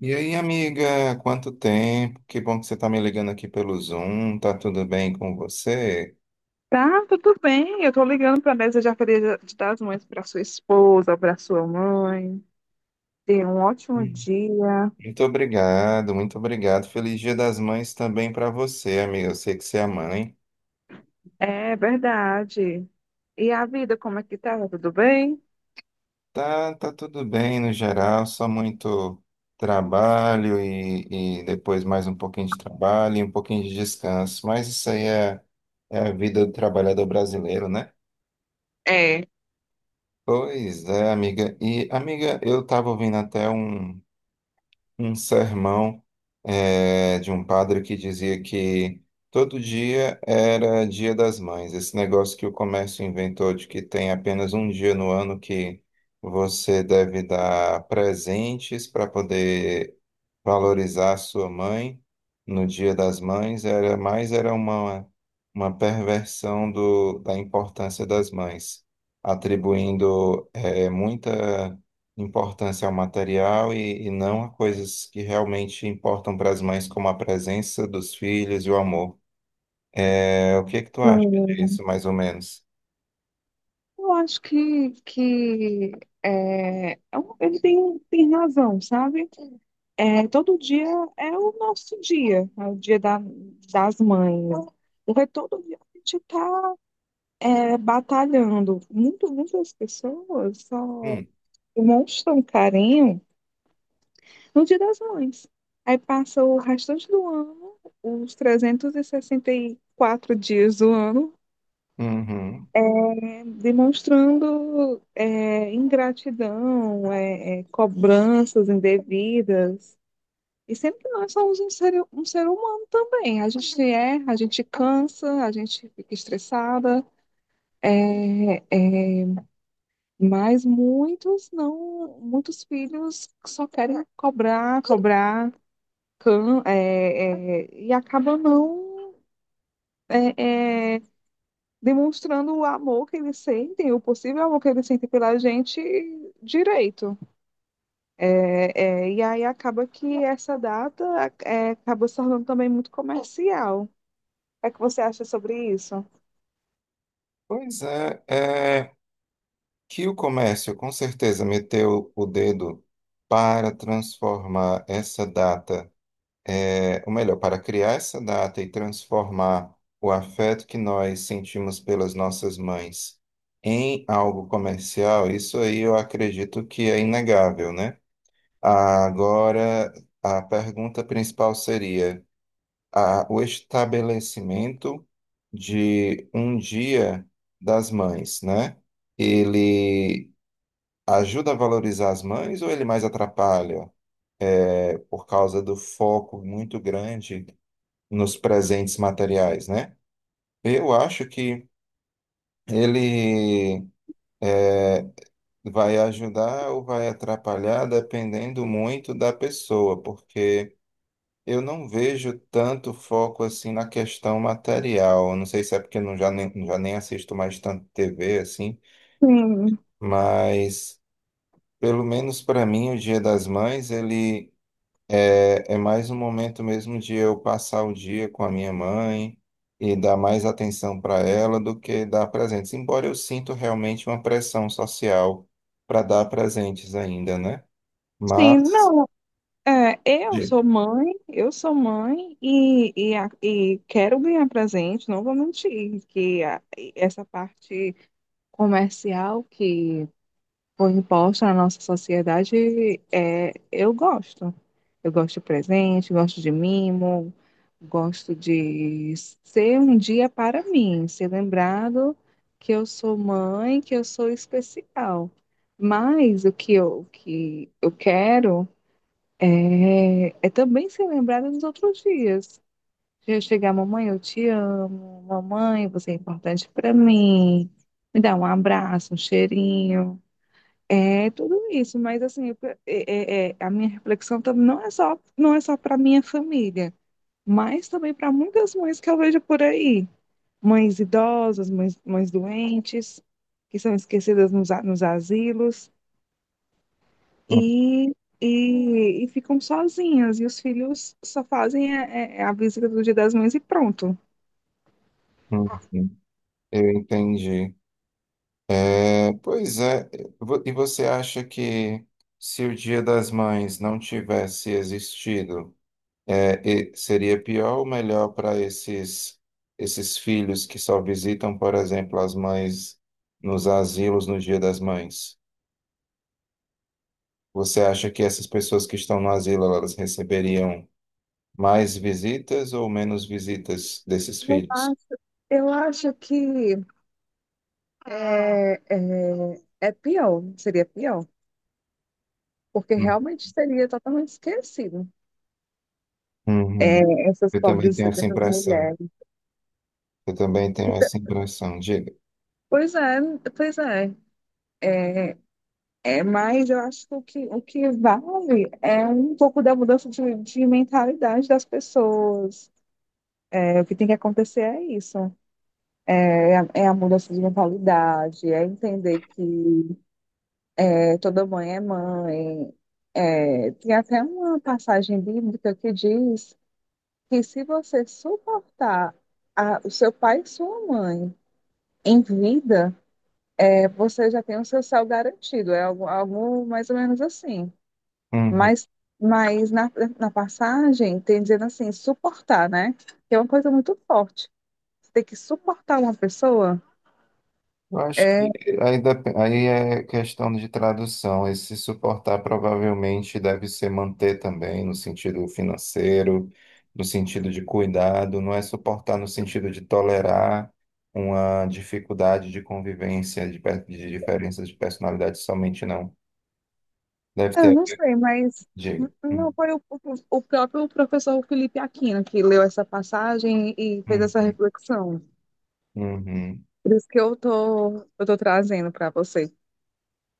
E aí, amiga, quanto tempo? Que bom que você está me ligando aqui pelo Zoom. Tá tudo bem com você? Tá, tudo bem. Eu tô ligando para desejar feliz de das mães para sua esposa, para sua mãe. Tenha um ótimo Hum. dia. Muito obrigado, muito obrigado. Feliz Dia das Mães também para você, amiga. Eu sei que você é mãe. É verdade. E a vida, como é que tá? Tudo bem? Tá, tá tudo bem no geral, só muito trabalho e depois mais um pouquinho de trabalho e um pouquinho de descanso. Mas isso aí é a vida do trabalhador brasileiro, né? É. Pois é, amiga. E, amiga, eu estava ouvindo até um. Um sermão de um padre que dizia que todo dia era Dia das Mães. Esse negócio que o comércio inventou de que tem apenas um dia no ano que você deve dar presentes para poder valorizar sua mãe no Dia das Mães era mais era uma uma perversão da importância das mães, atribuindo muita importância ao material e não a coisas que realmente importam para as mães, como a presença dos filhos e o amor. É, o que que tu acha Hum, disso, mais ou menos? eu acho que, ele tem razão, sabe? É, todo dia é o nosso dia, é o dia das mães. Porque todo dia a gente está batalhando. Muitas pessoas só Hum, demonstra um carinho no Dia das Mães. Aí passa o restante do ano, os trezentos e sessenta e quatro dias do ano, uhum. Demonstrando ingratidão, cobranças indevidas. E sempre que nós somos um ser humano também. A gente erra, a gente cansa, a gente fica estressada. É, é, mas muitos não, muitos filhos só querem cobrar, e acabam não é, é, demonstrando o amor que eles sentem, o possível amor que eles sentem pela gente direito. E aí acaba que essa data acaba se tornando também muito comercial. O que é que você acha sobre isso? Pois é, é. Que o comércio com certeza meteu o dedo para transformar essa data, é, ou melhor, para criar essa data e transformar o afeto que nós sentimos pelas nossas mães em algo comercial, isso aí eu acredito que é inegável, né? Agora, a pergunta principal seria o estabelecimento de um dia das mães, né? Ele ajuda a valorizar as mães ou ele mais atrapalha, é, por causa do foco muito grande nos presentes materiais, né? Eu acho que ele é, vai ajudar ou vai atrapalhar dependendo muito da pessoa, porque eu não vejo tanto foco assim na questão material. Não sei se é porque eu já nem assisto mais tanto TV assim, Sim, mas pelo menos para mim o Dia das Mães ele É, é mais um momento mesmo de eu passar o dia com a minha mãe e dar mais atenção para ela do que dar presentes. Embora eu sinto realmente uma pressão social para dar presentes ainda, né? sim, Mas. não. Eu de- sou mãe e quero ganhar presente, não vou mentir, essa parte comercial que foi imposta na nossa sociedade, é, eu gosto. Eu gosto de presente, gosto de mimo, gosto de ser um dia para mim, ser lembrado que eu sou mãe, que eu sou especial. Mas o que eu quero é também ser lembrada nos outros dias. Eu chegar, mamãe, eu te amo, mamãe, você é importante para mim, me dá um abraço, um cheirinho. É tudo isso, mas assim, eu pe- é, é- é, a minha reflexão também não é só para minha família, mas também para muitas mães que eu vejo por aí, mães idosas, mães doentes, que são esquecidas nos asilos Hum, e, e ficam sozinhas, e os filhos só fazem visita do Dia das Mães e pronto. hum. Eu entendi. É, pois é. E você acha que se o Dia das Mães não tivesse existido, é, e seria pior ou melhor para esses, esses filhos que só visitam, por exemplo, as mães nos asilos no Dia das Mães? Você acha que essas pessoas que estão no asilo, elas receberiam mais visitas ou menos visitas desses Eu filhos? acho, eu acho que é pior, seria pior. Porque Hum. realmente seria totalmente esquecido. É, Uhum. essas Eu também pobres, tenho essa essas impressão. mulheres. Eu também tenho Então, essa impressão. Diga. pois é, pois é. É, mas eu acho que o que vale é um pouco da mudança de mentalidade das pessoas. É, o que tem que acontecer é isso. É a mudança de mentalidade, é entender que é, toda mãe. É, tem até uma passagem bíblica que diz que se você suportar o seu pai e sua mãe em vida, é, você já tem o seu céu garantido, é algo, algo mais ou menos assim. Uhum. Mas, mas na passagem, tem dizendo assim, suportar, né? Que é uma coisa muito forte. Você tem que suportar uma pessoa? Eu acho que aí, aí é questão de tradução. Esse suportar provavelmente deve ser manter também, no sentido financeiro, no sentido de cuidado, não é suportar no sentido de tolerar uma dificuldade de convivência, de diferenças de personalidade somente, não. Deve Eu ter. não sei, mas Diga. Não foi o próprio professor Felipe Aquino que leu essa passagem e fez hum, essa reflexão. Uhum, Por isso que eu tô trazendo para você.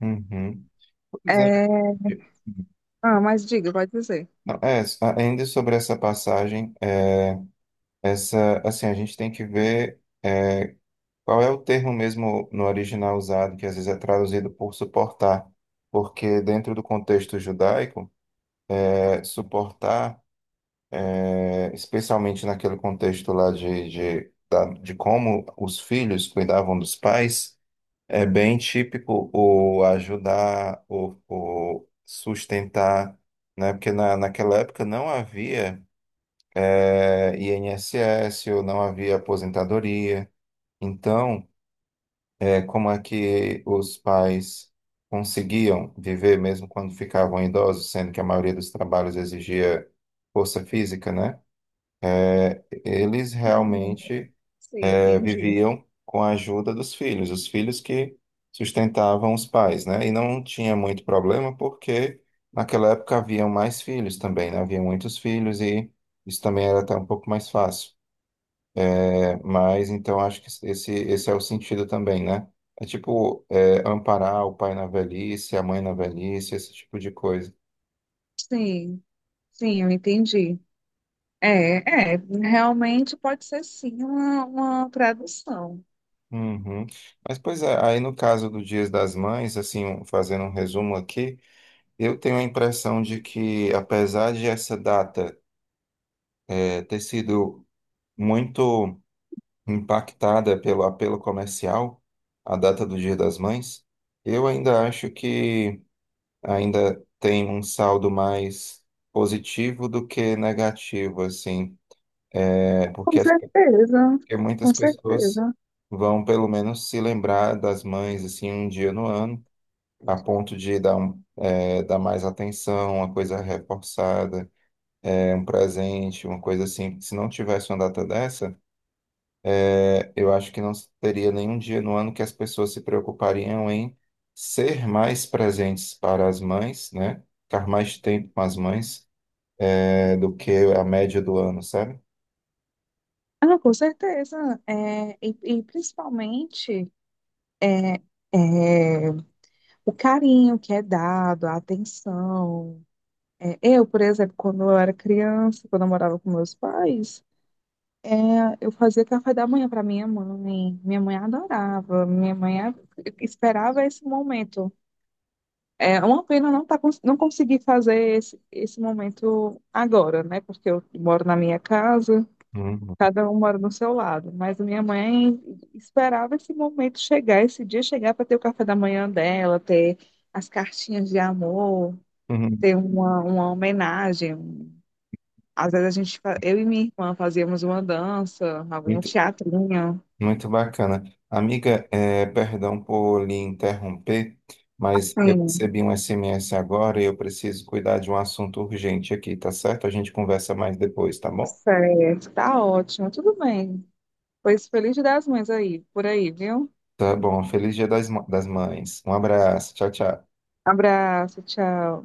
uhum. Pois é. É, ah, mas diga, pode dizer. Não, é, ainda sobre essa passagem, é, essa, assim, a gente tem que ver. É, qual é o termo mesmo no original usado, que às vezes é traduzido por suportar? Porque dentro do contexto judaico, é, suportar, é, especialmente naquele contexto lá de como os filhos cuidavam dos pais, é bem típico o ajudar, o sustentar, né? Porque naquela época não havia, é, INSS, ou não havia aposentadoria. Então, como é que os pais conseguiam viver mesmo quando ficavam idosos, sendo que a maioria dos trabalhos exigia força física, né? Eles Sim, realmente sim, entendi. viviam com a ajuda dos filhos, os filhos que sustentavam os pais, né? E não tinha muito problema porque naquela época haviam mais filhos também, né? Havia muitos filhos e isso também era até um pouco mais fácil. Mas então acho que esse é o sentido também, né? É tipo é, amparar o pai na velhice, a mãe na velhice, esse tipo de coisa. Sim. Sim, eu entendi. É, é, realmente pode ser sim uma tradução. Uhum. Mas pois é, aí no caso do Dias das Mães, assim, um, fazendo um resumo aqui, eu tenho a impressão de que, apesar de essa data é, ter sido muito impactada pelo apelo comercial, a data do Dia das Mães, eu ainda acho que ainda tem um saldo mais positivo do que negativo, assim, é, porque, Com certeza, porque muitas com pessoas certeza. vão pelo menos se lembrar das mães, assim, um dia no ano, a ponto de dar, um, é, dar mais atenção, uma coisa reforçada, é, um presente, uma coisa assim. Se não tivesse uma data dessa, é, eu acho que não teria nenhum dia no ano que as pessoas se preocupariam em ser mais presentes para as mães, né? Ficar mais tempo com as mães é, do que a média do ano, sabe? Ah, com certeza. É, e principalmente é, é, o carinho que é dado, a atenção. É, eu, por exemplo, quando eu era criança, quando eu morava com meus pais, é, eu fazia café da manhã para minha mãe. Minha mãe adorava, esperava esse momento. É uma pena não conseguir fazer esse momento agora, né? Porque eu moro na minha casa, Uhum. cada um mora no seu lado. Mas a minha mãe esperava esse momento chegar, esse dia chegar para ter o café da manhã dela, ter as cartinhas de amor, Uhum. ter uma homenagem. Às vezes eu e minha irmã fazíamos uma dança, algum Muito, teatrinho. muito bacana. Amiga, é, perdão por lhe interromper, mas eu Sim, recebi um SMS agora e eu preciso cuidar de um assunto urgente aqui, tá certo? A gente conversa mais depois, tá bom? certo, tá ótimo, tudo bem. Pois feliz Dia das Mães aí, por aí, viu? Tá bom. Feliz Dia das, das Mães. Um abraço. Tchau, tchau. Abraço, tchau.